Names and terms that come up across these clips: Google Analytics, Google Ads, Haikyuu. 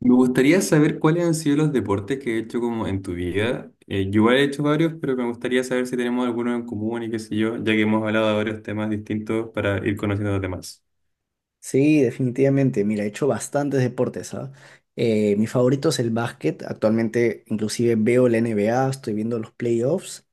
Me gustaría saber cuáles han sido los deportes que he hecho como en tu vida. Yo igual he hecho varios, pero me gustaría saber si tenemos algunos en común y qué sé yo, ya que hemos hablado de varios temas distintos para ir conociendo a los demás. Sí, definitivamente. Mira, he hecho bastantes deportes, ¿ah? Mi favorito es el básquet. Actualmente inclusive veo la NBA, estoy viendo los playoffs.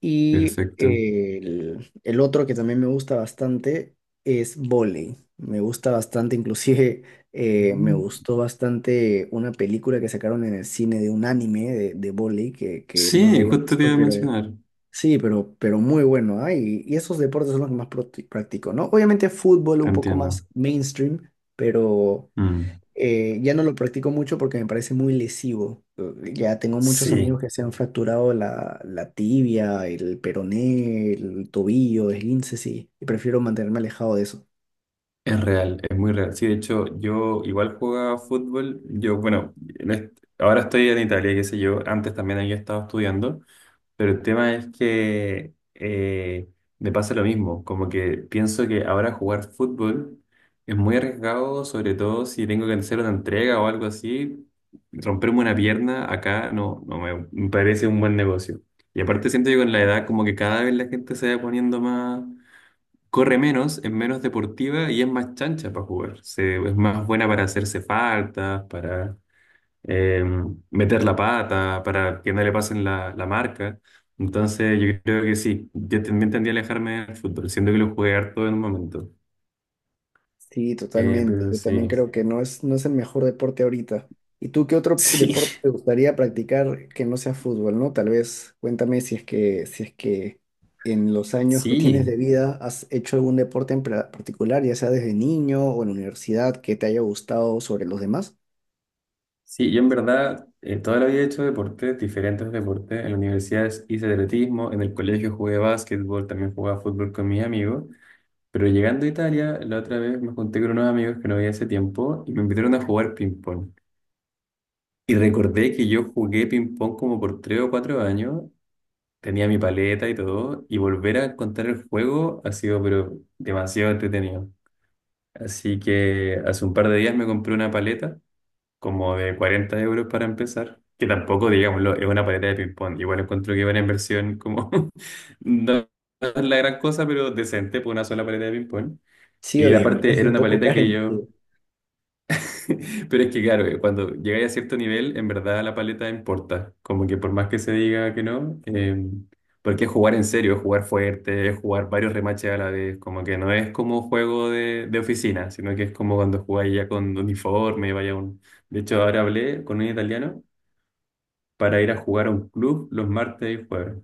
Y Perfecto. eh, el, el otro que también me gusta bastante es vóley. Me gusta bastante, inclusive me Mm. gustó bastante una película que sacaron en el cine de un anime de vóley que no lo Sí, había justo te visto, iba a pero mencionar. sí, pero muy bueno, ¿ah? Y esos deportes son los que más practico, ¿no? Obviamente fútbol un poco Entiendo. más mainstream, pero Mm. Ya no lo practico mucho porque me parece muy lesivo. Ya tengo muchos amigos Sí, que se han fracturado la tibia, el peroné, el tobillo, esguinces, y prefiero mantenerme alejado de eso. es real, es muy real. Sí, de hecho, yo igual jugaba fútbol. Yo, bueno, ahora estoy en Italia, qué sé yo. Antes también había estado estudiando. Pero el tema es que me pasa lo mismo, como que pienso que ahora jugar fútbol es muy arriesgado, sobre todo si tengo que hacer una entrega o algo así, romperme una pierna acá no, no me parece un buen negocio. Y aparte siento que con la edad como que cada vez la gente se va poniendo más, corre menos, es menos deportiva y es más chancha para jugar. Es más buena para hacerse faltas, para eh, meter la pata para que no le pasen la marca. Entonces yo creo que sí, yo también tendría a alejarme del fútbol, siendo que lo jugué harto en un momento. Sí, Eh, totalmente. pero Yo también sí, creo que no es el mejor deporte ahorita. ¿Y tú qué otro sí, deporte te gustaría practicar que no sea fútbol, ¿no? Tal vez cuéntame si es que en los años que tienes de sí, vida has hecho algún deporte en particular, ya sea desde niño o en la universidad, que te haya gustado sobre los demás. sí, yo en verdad toda la vida he hecho deportes, diferentes deportes. En la universidad hice atletismo, en el colegio jugué básquetbol, también jugaba fútbol con mis amigos. Pero llegando a Italia, la otra vez me junté con unos amigos que no había hace tiempo y me invitaron a jugar ping-pong. Y recordé que yo jugué ping-pong como por 3 o 4 años, tenía mi paleta y todo, y volver a encontrar el juego ha sido pero demasiado entretenido. Así que hace un par de días me compré una paleta como de 40 euros para empezar, que tampoco, digámoslo, es una paleta de ping-pong. Igual encuentro que es una inversión como no es la gran cosa, pero decente por una sola paleta de ping-pong. Sí, Y oye, me aparte parece era un una poco paleta cara que yo... inclusive. Pero es que claro, cuando llegáis a cierto nivel, en verdad la paleta importa. Como que por más que se diga que no, porque es jugar en serio, es jugar fuerte, es jugar varios remaches a la vez. Como que no es como juego de oficina, sino que es como cuando jugáis ya con uniforme, vaya un... De hecho, ahora hablé con un italiano para ir a jugar a un club los martes y jueves.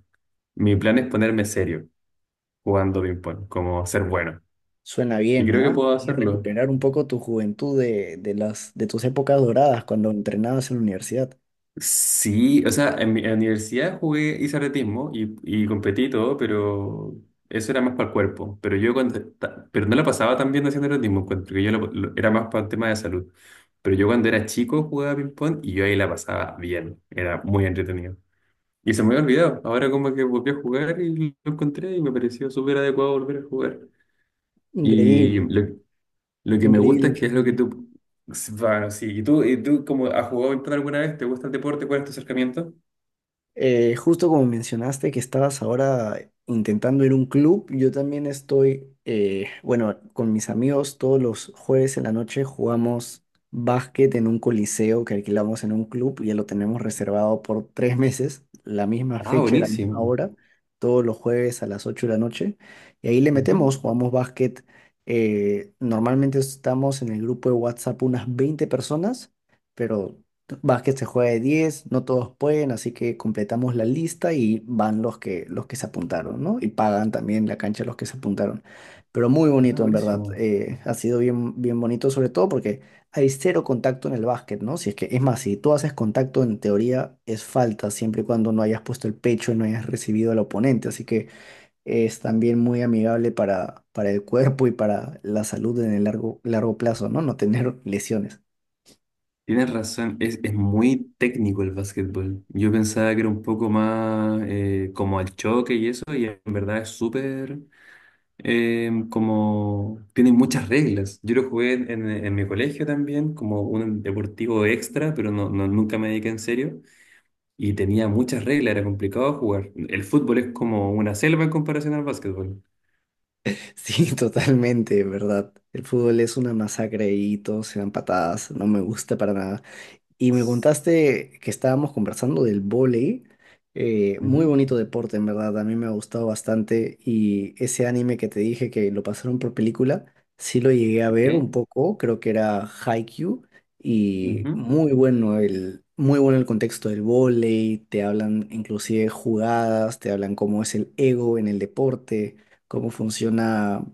Mi plan es ponerme serio jugando ping-pong, como ser bueno. Suena Y bien, creo que ¿ah? puedo Hay que hacerlo. recuperar un poco tu juventud de tus épocas doradas cuando entrenabas en la universidad. Sí, o sea, en la universidad jugué, hice atletismo y competí y todo, pero eso era más para el cuerpo. Pero no la pasaba tan bien haciendo atletismo, encuentro que yo era más para el tema de salud. Pero yo cuando era chico jugaba ping-pong y yo ahí la pasaba bien, era muy entretenido. Y se me había olvidado, ahora como que volví a jugar y lo encontré y me pareció súper adecuado volver a jugar. Y Increíble, lo que me increíble, gusta es que es lo que increíble. tú... Bueno, sí, y tú como has jugado ping-pong alguna vez, ¿te gusta el deporte? ¿Cuál es tu acercamiento? Justo como mencionaste que estabas ahora intentando ir a un club, yo también estoy, bueno, con mis amigos todos los jueves en la noche jugamos básquet en un coliseo que alquilamos en un club, ya lo tenemos reservado por 3 meses, la misma Ah, fecha y la misma buenísimo. hora, todos los jueves a las 8 de la noche, y ahí le Ujú. metemos, jugamos básquet. Normalmente estamos en el grupo de WhatsApp unas 20 personas, pero básquet se juega de 10, no todos pueden, así que completamos la lista y van los que se apuntaron, ¿no? Y pagan también la cancha los que se apuntaron. Pero muy Ah, bonito, en verdad. buenísimo. Ha sido bien bonito, sobre todo porque hay cero contacto en el básquet, ¿no? Si es que, es más, si tú haces contacto, en teoría es falta, siempre y cuando no hayas puesto el pecho y no hayas recibido al oponente. Así que es también muy amigable para el cuerpo y para la salud en el largo plazo, ¿no? No tener lesiones. Tienes razón, es muy técnico el básquetbol. Yo pensaba que era un poco más como al choque y eso, y en verdad es súper como... Tiene muchas reglas. Yo lo jugué en mi colegio también, como un deportivo extra, pero nunca me dediqué en serio. Y tenía muchas reglas, era complicado jugar. El fútbol es como una selva en comparación al básquetbol. Sí, totalmente, ¿verdad? El fútbol es una masacre y todos se dan patadas, no me gusta para nada. Y me contaste que estábamos conversando del vóley, muy Ujú. bonito deporte en verdad, a mí me ha gustado bastante y ese anime que te dije que lo pasaron por película, sí lo llegué a ver un Ok. poco, creo que era Haikyuu y Ujú. Muy bueno el contexto del vóley, te hablan inclusive jugadas, te hablan cómo es el ego en el deporte, cómo funciona,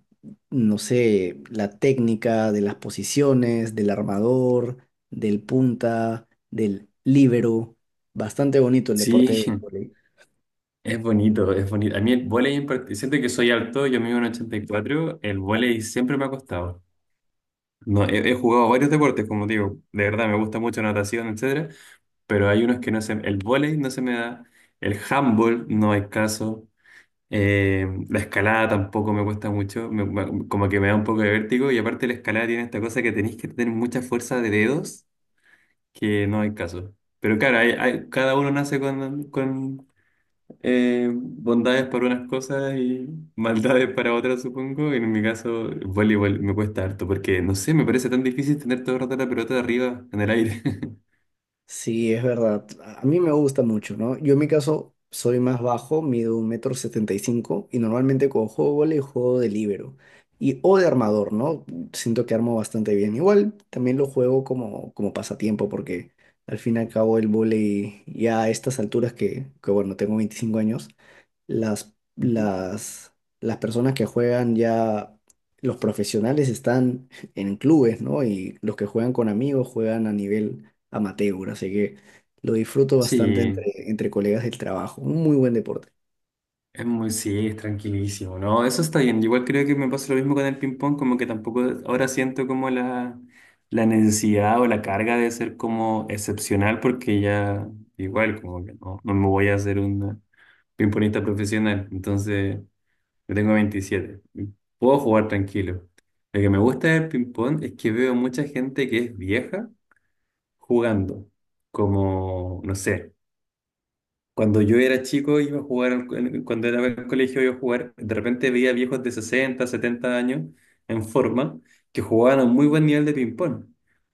no sé, la técnica de las posiciones, del armador del punta, del líbero. Bastante bonito el Sí, deporte del vóley. es bonito, es bonito. A mí el vóley en particular, siento que soy alto, yo mido en 84, el vóley siempre me ha costado. No, he jugado varios deportes, como digo, de verdad me gusta mucho natación, etcétera, pero hay unos que no se, el vóley no se me da, el handball no hay caso, la escalada tampoco me cuesta mucho, como que me da un poco de vértigo y aparte la escalada tiene esta cosa que tenéis que tener mucha fuerza de dedos, que no hay caso. Pero claro, cada uno nace con bondades para unas cosas y maldades para otras, supongo. En mi caso, el voleibol me cuesta harto porque, no sé, me parece tan difícil tener todo el rato la pelota arriba en el aire. Sí, es verdad. A mí me gusta mucho, ¿no? Yo en mi caso soy más bajo, mido un metro 75 y normalmente cuando juego vóley juego de líbero y o de armador, ¿no? Siento que armo bastante bien. Igual también lo juego como, como pasatiempo porque al fin y al cabo el vóley ya a estas alturas que bueno, tengo 25 años, las, Ujú. las, las personas que juegan ya, los profesionales están en clubes, ¿no? Y los que juegan con amigos juegan a nivel amateur, así que lo disfruto bastante entre, Sí, entre colegas del trabajo. Un muy buen deporte. Sí, es tranquilísimo, ¿no? Eso está bien. Igual creo que me pasa lo mismo con el ping-pong, como que tampoco ahora siento como la necesidad o la carga de ser como excepcional, porque ya igual, como que no, no me voy a hacer un ping-pongista profesional. Entonces. Yo tengo 27. Puedo jugar tranquilo. Lo que me gusta del ping-pong es que veo mucha gente que es vieja jugando. Como, no sé, cuando yo era chico iba a jugar, cuando era en el colegio iba a jugar, de repente veía viejos de 60 70 años en forma que jugaban a un muy buen nivel de ping-pong.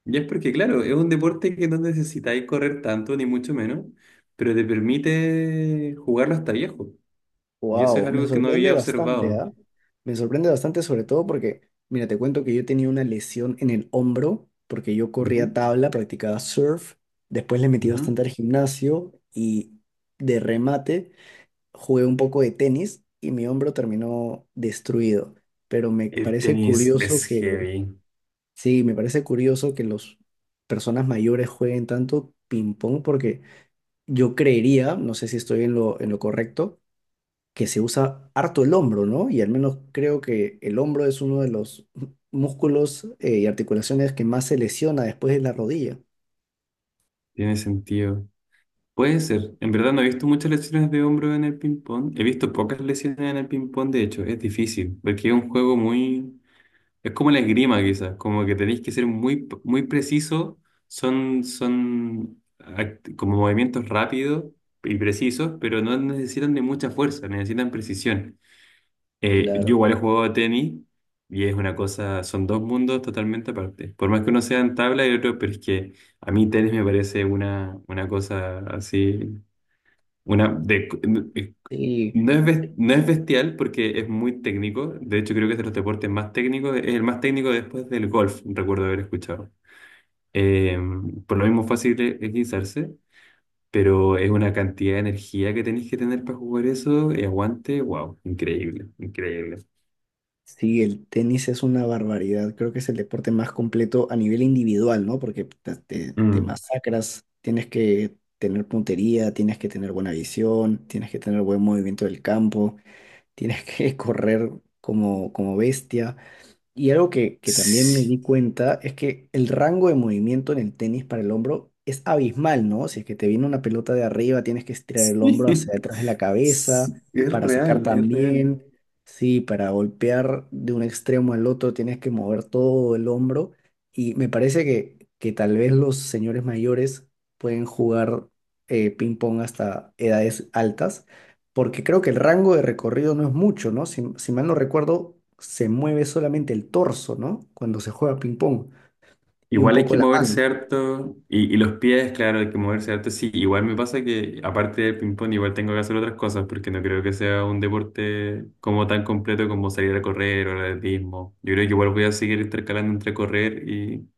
Y es porque, claro, es un deporte que no necesitáis correr tanto, ni mucho menos, pero te permite jugarlo hasta viejo. Y eso es Wow, me algo que no sorprende había bastante, observado. ¿ah? Me sorprende bastante sobre todo porque, mira, te cuento que yo tenía una lesión en el hombro porque yo corría Ujú, tabla, practicaba surf, después le metí ujú. bastante al gimnasio y de remate jugué un poco de tenis y mi hombro terminó destruido. Pero me El parece tenis es curioso pues, que, heavy, sí, me parece curioso que las personas mayores jueguen tanto ping-pong porque yo creería, no sé si estoy en en lo correcto, que se usa harto el hombro, ¿no? Y al menos creo que el hombro es uno de los músculos y articulaciones que más se lesiona después de la rodilla. tiene sentido. Puede ser. En verdad no he visto muchas lesiones de hombro en el ping-pong. He visto pocas lesiones en el ping-pong, de hecho. Es difícil, porque es un juego muy... Es como la esgrima, quizás. Como que tenéis que ser muy, muy preciso. Son como movimientos rápidos y precisos, pero no necesitan de mucha fuerza, necesitan precisión. Yo Claro. igual he jugado tenis y es una cosa, son dos mundos totalmente aparte. Por más que uno sea en tabla y otro, pero es que a mí tenis me parece una cosa así, una de, eh, Sí, no es, bes- no es bestial porque es muy técnico. De hecho, creo que es de los deportes más técnicos, es el más técnico después del golf, recuerdo haber escuchado. Eh, por lo mismo fácil equilizarse, pero es una cantidad de energía que tenéis que tener para jugar eso y aguante, wow, increíble, increíble. sí, el tenis es una barbaridad. Creo que es el deporte más completo a nivel individual, ¿no? Porque te Mm. masacras, tienes que tener puntería, tienes que tener buena visión, tienes que tener buen movimiento del campo, tienes que correr como, como bestia. Y algo que también me Sí, di cuenta es que el rango de movimiento en el tenis para el hombro es abismal, ¿no? Si es que te viene una pelota de arriba, tienes que estirar el hombro hacia detrás de la cabeza sí, es para sacar real, es real. también. Sí, para golpear de un extremo al otro tienes que mover todo el hombro. Y me parece que tal vez los señores mayores pueden jugar ping-pong hasta edades altas porque creo que el rango de recorrido no es mucho, ¿no? Si, si mal no recuerdo, se mueve solamente el torso, ¿no? Cuando se juega ping-pong y un Igual hay poco que la moverse mano. harto y los pies, claro, hay que moverse harto. Sí, igual me pasa que aparte del ping-pong igual tengo que hacer otras cosas porque no creo que sea un deporte como tan completo como salir a correr o el atletismo. Yo creo que igual voy a seguir intercalando entre correr y,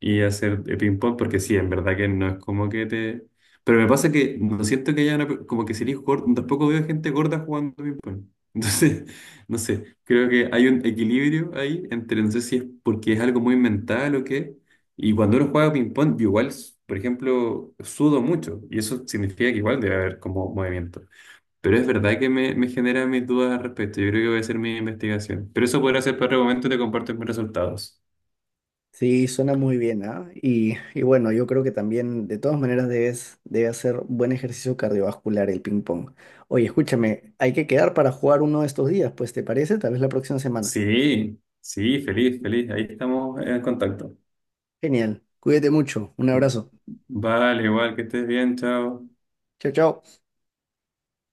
y hacer de ping pong, porque sí, en verdad que no es como que te... Pero me pasa que no siento que haya una... Como que sería gordo, tampoco veo gente gorda jugando ping pong. Entonces, no sé, creo que hay un equilibrio ahí entre, no sé si es porque es algo muy mental o qué. Y cuando uno juega ping pong, yo igual, por ejemplo, sudo mucho, y eso significa que igual debe haber como movimiento. Pero es verdad que me genera mis dudas al respecto. Yo creo que voy a hacer mi investigación. Pero eso podrá ser para otro momento y te comparto mis resultados. Sí, suena muy bien, ¿ah? Y bueno, yo creo que también, de todas maneras, debes, debe hacer buen ejercicio cardiovascular el ping-pong. Oye, escúchame, hay que quedar para jugar uno de estos días, pues, ¿te parece? Tal vez la próxima semana. Sí, sí, feliz, feliz. Ahí estamos en contacto. Genial. Cuídate mucho. Un abrazo. Vale, igual que estés bien, chao. Chao, chao.